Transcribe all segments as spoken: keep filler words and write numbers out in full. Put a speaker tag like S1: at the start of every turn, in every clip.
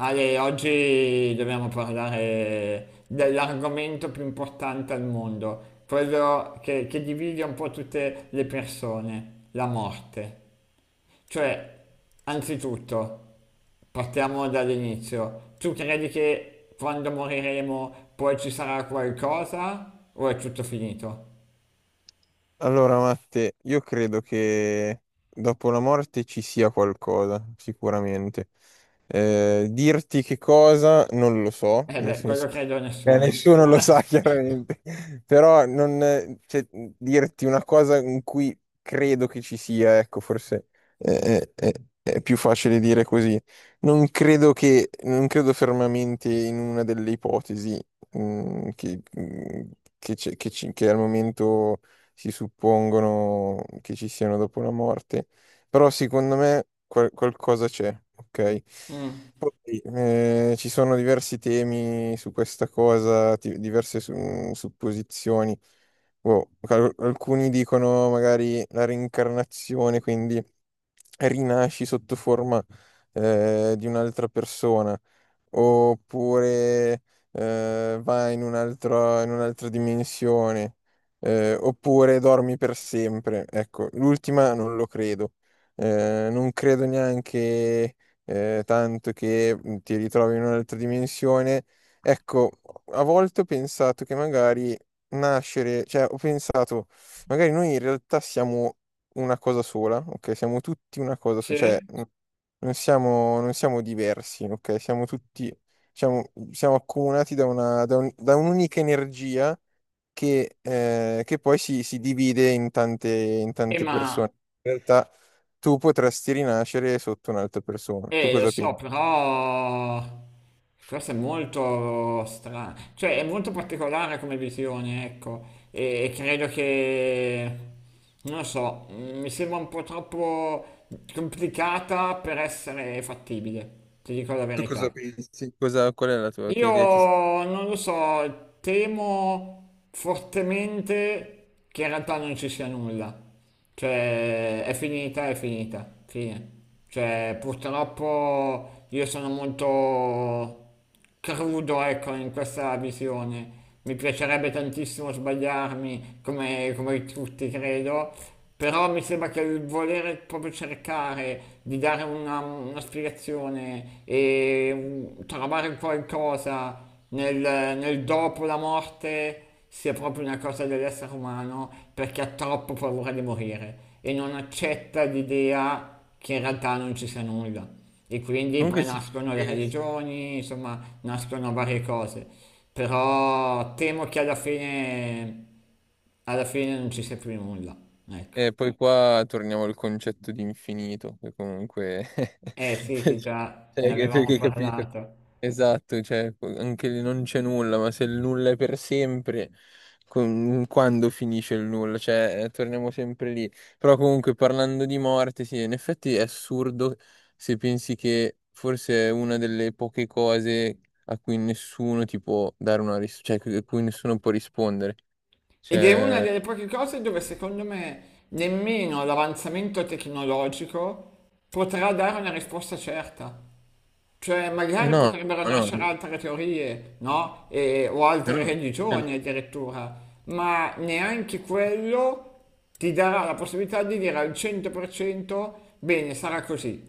S1: Ale, oggi dobbiamo parlare dell'argomento più importante al mondo, quello che, che divide un po' tutte le persone, la morte. Cioè, anzitutto, partiamo dall'inizio. Tu credi che quando moriremo poi ci sarà qualcosa o è tutto finito?
S2: Allora, Matte, io credo che dopo la morte ci sia qualcosa, sicuramente. Eh, dirti che cosa non lo so,
S1: Eh
S2: nel
S1: beh,
S2: senso
S1: quello credo a
S2: eh,
S1: nessuno.
S2: nessuno lo sa chiaramente, però non, eh, cioè, dirti una cosa in cui credo che ci sia, ecco, forse eh, eh, eh, è più facile dire così. Non credo che, non credo fermamente in una delle ipotesi mm, che, mm, che c'è- che ci- che al momento si suppongono che ci siano dopo la morte, però secondo me qual- qualcosa c'è, ok?
S1: Mm.
S2: Poi, eh, ci sono diversi temi su questa cosa, ti- diverse su- supposizioni. Boh, al- alcuni dicono magari la reincarnazione, quindi rinasci sotto forma eh, di un'altra persona, oppure eh, vai in un altro- in un'altra dimensione, eh, oppure dormi per sempre. Ecco, l'ultima non lo credo. Eh, non credo neanche eh, tanto che mhmm, ti ritrovi in un'altra dimensione. Ecco, a volte ho pensato che magari nascere, cioè ho pensato, magari noi in realtà siamo una cosa sola, ok? Siamo tutti una cosa
S1: Sì?
S2: sola, cioè mhmm, non siamo, non siamo diversi, ok? Siamo tutti, siamo, siamo accomunati da una, da un- da un'unica energia che, eh, che poi si, si divide in tante, in
S1: E
S2: tante
S1: ma.
S2: persone. In realtà tu potresti rinascere sotto un'altra persona. Tu
S1: Eh, lo
S2: cosa
S1: so,
S2: pensi?
S1: però questo è molto strano, cioè è molto particolare come visione, ecco, e, e credo che, non lo so, mm, mi sembra un po' troppo complicata per essere fattibile, ti dico la
S2: Tu
S1: verità.
S2: cosa pensi? Cosa- qual è la tua, che idea ti sei?
S1: Io non lo so, temo fortemente che in realtà non ci sia nulla. Cioè, è finita, è finita, fine. Cioè, purtroppo io sono molto crudo, ecco, in questa visione. Mi piacerebbe tantissimo sbagliarmi, come, come tutti credo, però mi sembra che il volere proprio cercare di dare una, una spiegazione e un- trovare un qualcosa nel, nel dopo la morte sia proprio una cosa dell'essere umano perché ha troppo paura di morire e non accetta l'idea che in realtà non ci sia nulla. E quindi
S2: Comunque
S1: poi
S2: sì.
S1: nascono le religioni, insomma, nascono varie cose. Però temo che alla fine, alla fine non ci sia più nulla. Ecco.
S2: E poi qua torniamo al concetto di infinito, che comunque...
S1: Eh sì, che già ne
S2: cioè, che,
S1: avevamo
S2: che capito?
S1: parlato.
S2: Esatto, cioè, anche lì non c'è nulla, ma se il nulla è per sempre, con- quando finisce il nulla? Cioè, eh, torniamo sempre lì. Però comunque parlando di morte, sì, in effetti è assurdo se pensi che forse è una delle poche cose a cui nessuno ti può dare una risposta, cioè a cui nessuno può rispondere.
S1: Ed è una
S2: Cioè,
S1: delle poche cose dove secondo me nemmeno l'avanzamento tecnologico potrà dare una risposta certa. Cioè,
S2: eh
S1: magari
S2: no,
S1: potrebbero
S2: no.
S1: nascere
S2: No.
S1: altre teorie, no? E- o
S2: Eh
S1: altre
S2: no, eh no,
S1: religioni addirittura, ma neanche quello ti darà la possibilità di dire al cento per cento bene, sarà così,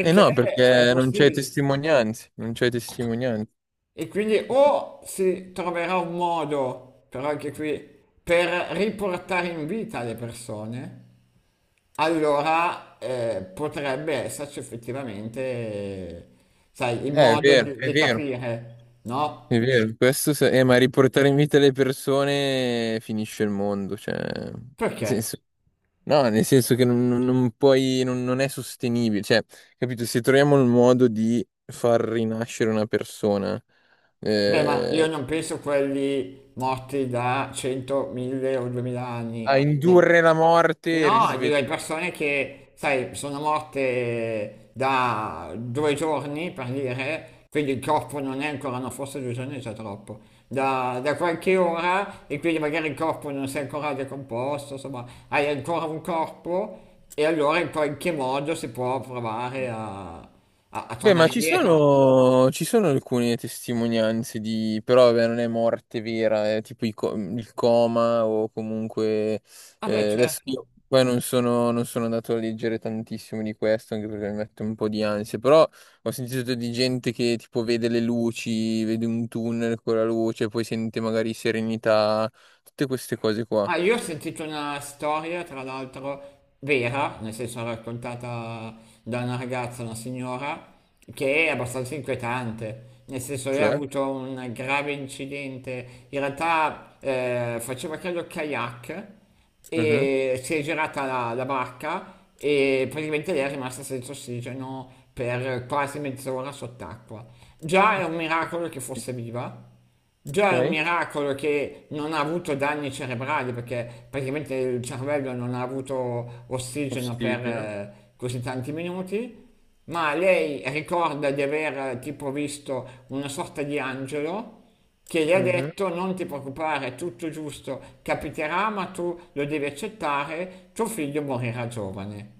S2: Eh no,
S1: è
S2: perché non c'è
S1: impossibile.
S2: testimonianze, non c'è testimonianze.
S1: E quindi o si troverà un modo, però anche qui, per riportare in vita le persone, allora eh, potrebbe esserci effettivamente, eh, sai, il
S2: Eh, è
S1: modo
S2: vero,
S1: di,
S2: è
S1: di
S2: vero,
S1: capire,
S2: è
S1: no?
S2: vero. Questo se- eh, Ma riportare in vita le persone finisce il mondo, cioè, nel
S1: Perché?
S2: senso- no, nel senso che non, non- non puoi, non, non è sostenibile, cioè, capito? Se troviamo il modo di far rinascere una persona,
S1: Beh, ma
S2: eh,
S1: io non penso quelli morti da cento, mille o duemila
S2: a
S1: anni. Ne-
S2: indurre la morte e
S1: No, dico, le
S2: risvegliarla.
S1: persone che, sai, sono morte da due giorni, per dire, quindi il corpo non è ancora, no, forse due giorni è già troppo, da, da qualche ora e quindi magari il corpo non si è ancora decomposto, insomma, hai ancora un corpo e allora in qualche modo si può provare a, a- a
S2: Beh, ma
S1: tornare
S2: ci
S1: indietro.
S2: sono, ci sono alcune testimonianze di, però vabbè, non è morte vera, è tipo i co- il coma o comunque...
S1: Vabbè,
S2: eh, adesso
S1: certo.
S2: io poi non sono, non sono andato a leggere tantissimo di questo, anche perché mi mette un po' di ansia, però ho sentito di gente che tipo vede le luci, vede un tunnel con la luce, poi sente magari serenità, tutte queste cose qua.
S1: Ah, io ho sentito una storia, tra l'altro, vera, nel senso raccontata da una ragazza, una signora, che è abbastanza inquietante. Nel senso, lei ha
S2: Cioè?
S1: avuto un grave incidente. In realtà, eh, faceva credo kayak
S2: Mhm.
S1: e si è girata la, la barca e praticamente lei è rimasta senza ossigeno per quasi mezz'ora sott'acqua. Già è un miracolo che fosse viva. Già è un
S2: Ok,
S1: miracolo che non ha avuto danni cerebrali perché praticamente il cervello non ha avuto ossigeno per
S2: ossigeno.
S1: eh, così tanti minuti, ma lei ricorda di aver eh, tipo visto una sorta di angelo che gli ha
S2: Mhm.
S1: detto non ti preoccupare, è tutto giusto, capiterà, ma tu lo devi accettare, tuo figlio morirà giovane.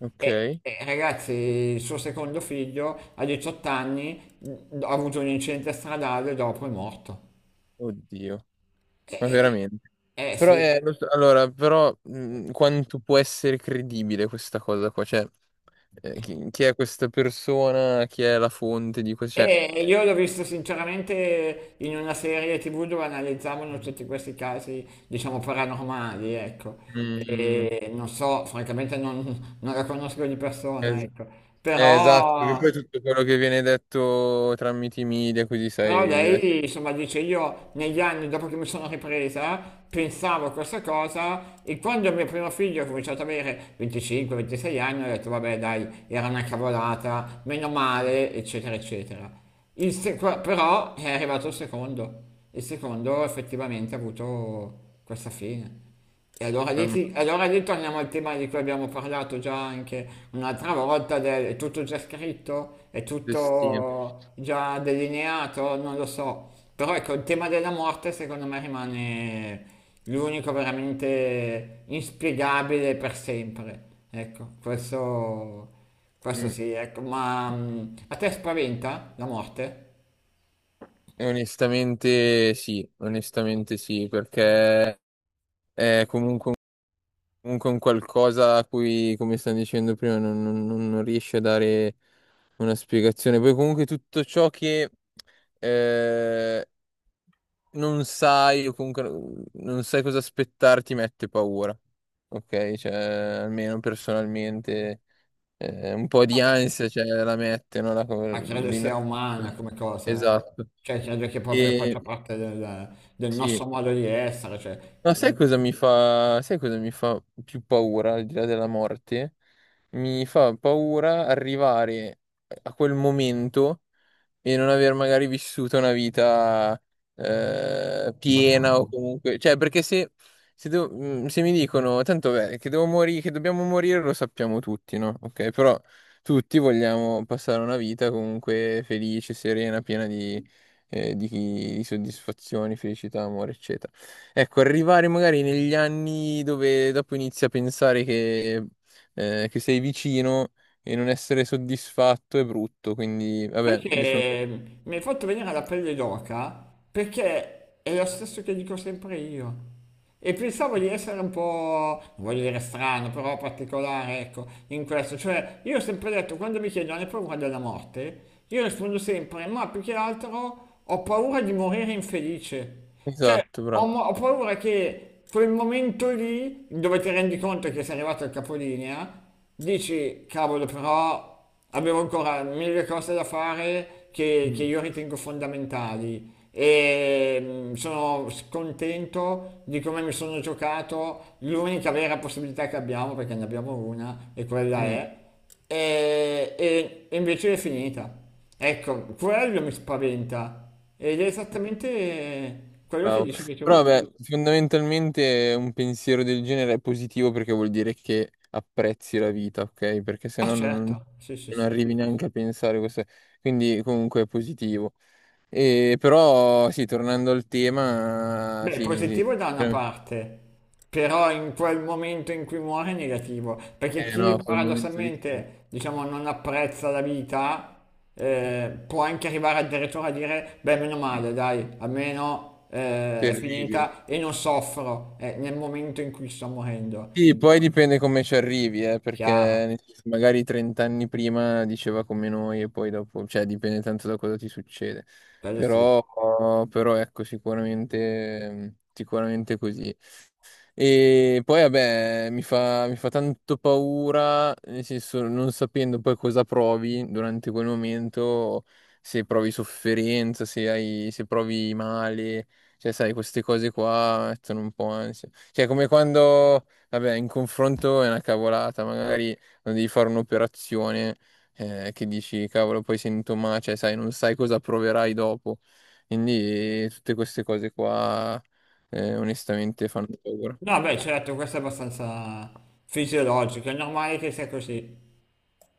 S2: Ok,
S1: E, e, ragazzi, il suo secondo figlio a diciotto anni mh, ha avuto un incidente stradale, dopo è morto.
S2: oddio. Ma
S1: Eh,
S2: veramente.
S1: eh, eh,
S2: Però,
S1: sì,
S2: eh, lo so- allora, però mh, quanto può essere credibile questa cosa qua? Cioè, eh, chi, chi è questa persona? Chi è la fonte di questo? Cioè,
S1: e io l'ho visto sinceramente in una serie T V dove analizzavano tutti questi casi, diciamo, paranormali, ecco.
S2: mm,
S1: E non so, francamente non, non la conosco di persona,
S2: es-
S1: ecco.
S2: eh, esatto, perché
S1: Però.
S2: poi tutto quello che viene detto tramite i media, così sai,
S1: Però
S2: deve...
S1: lei, insomma, dice io negli anni dopo che mi sono ripresa pensavo a questa cosa e quando mio primo figlio ha cominciato ad avere venticinque ventisei anni ho detto vabbè dai, era una cavolata, meno
S2: Mm.
S1: male, eccetera, eccetera. Il se- qua- però è arrivato il secondo. Il secondo effettivamente ha avuto questa fine. E allora lì,
S2: Mamma,
S1: sì- allora lì torniamo al tema di cui abbiamo parlato già anche un'altra volta, del, è tutto già scritto, è
S2: destino.
S1: tutto già delineato, non lo so. Però ecco, il tema della morte secondo me rimane l'unico veramente inspiegabile per sempre. Ecco, questo, questo
S2: Mm.
S1: sì, ecco, ma mm, a te spaventa la morte?
S2: Onestamente sì, onestamente sì, perché è comunque comunque un qualcosa a cui, come stanno dicendo prima, non, non- non- non riesce a dare una spiegazione. Poi comunque tutto ciò che eh, non sai o comunque non sai cosa aspettarti mette paura. Ok? Cioè, almeno personalmente eh, un po' di
S1: Vabbè.
S2: ansia cioè, la mette, no? La, co-
S1: Ma credo
S2: l'ina-
S1: sia umana come cosa, eh.
S2: Esatto.
S1: Cioè, credo che proprio
S2: Eh,
S1: faccia
S2: E
S1: parte del, del nostro
S2: sì.
S1: modo di essere, cioè.
S2: Ma sai cosa mi fa, sai cosa mi fa più paura al di là della morte? Mi fa paura arrivare a quel momento e non aver magari vissuto una vita eh, piena o
S1: Bravo.
S2: comunque, cioè perché se, se devo- mm, se mi dicono tanto beh, che devo morire, che dobbiamo morire lo sappiamo tutti, no? Ok, però tutti vogliamo passare una vita comunque felice, serena, piena di, eh, di di soddisfazioni, felicità, amore, eccetera. Ecco, arrivare magari negli anni dove dopo inizi a pensare che, eh, che sei vicino e non essere soddisfatto è brutto, quindi
S1: Sai
S2: vabbè, io sono...
S1: che mi hai fatto venire la pelle d'oca perché è lo stesso che dico sempre io. E pensavo di essere un po', non voglio dire strano, però particolare, ecco, in questo. Cioè, io ho sempre detto, quando mi chiedono hai paura della morte, io rispondo sempre, ma più che altro ho paura di morire infelice. Cioè,
S2: Esatto,
S1: ho,
S2: bravo.
S1: mo- ho paura che quel momento lì, dove ti rendi conto che sei arrivato al capolinea, dici, cavolo, però abbiamo ancora mille cose da fare che, che
S2: Mm,
S1: io ritengo fondamentali. E mm, sono scontento di come mi sono giocato. L'unica vera possibilità che abbiamo, perché ne abbiamo una, e quella
S2: mm,
S1: è. E, e- e invece è finita. Ecco, quello mi spaventa. Ed è
S2: mm.
S1: esattamente quello che
S2: Bravo.
S1: dicevi tu.
S2: Però beh, fondamentalmente un pensiero del genere è positivo perché vuol dire che apprezzi la vita, ok? Perché se
S1: Ah,
S2: no non,
S1: certo, sì, sì,
S2: non
S1: sì.
S2: arrivi neanche a pensare questo. Quindi comunque è positivo. E però sì, tornando al tema,
S1: Beh, è
S2: sì,
S1: positivo da una
S2: sì,
S1: parte, però in quel momento in cui muore è negativo, perché
S2: eh,
S1: chi
S2: no, quel momento lì sì.
S1: paradossalmente, diciamo, non apprezza la vita, eh, può anche arrivare addirittura a dire, beh, meno male, dai, almeno eh, è
S2: Terribile.
S1: finita e non soffro eh, nel momento in cui sto morendo.
S2: Sì, poi dipende come ci arrivi, eh, perché
S1: Chiaro.
S2: nel senso, magari trenta anni prima diceva come noi e poi dopo, cioè dipende tanto da cosa ti succede.
S1: Quello sì.
S2: Però, però ecco, sicuramente, sicuramente così. E poi, vabbè, mi fa, mi fa tanto paura, nel senso, non sapendo poi cosa provi durante quel momento, se provi sofferenza, se hai, se provi male, cioè, sai, queste cose qua mettono un po' ansia. Cioè, come quando, vabbè, in confronto è una cavolata, magari quando devi fare un'operazione, eh, che dici, cavolo, poi sento male, cioè, sai, non sai cosa proverai dopo. Quindi, eh, tutte queste cose qua, eh, onestamente fanno paura.
S1: No, beh, certo, questo è abbastanza fisiologico, è normale che sia così.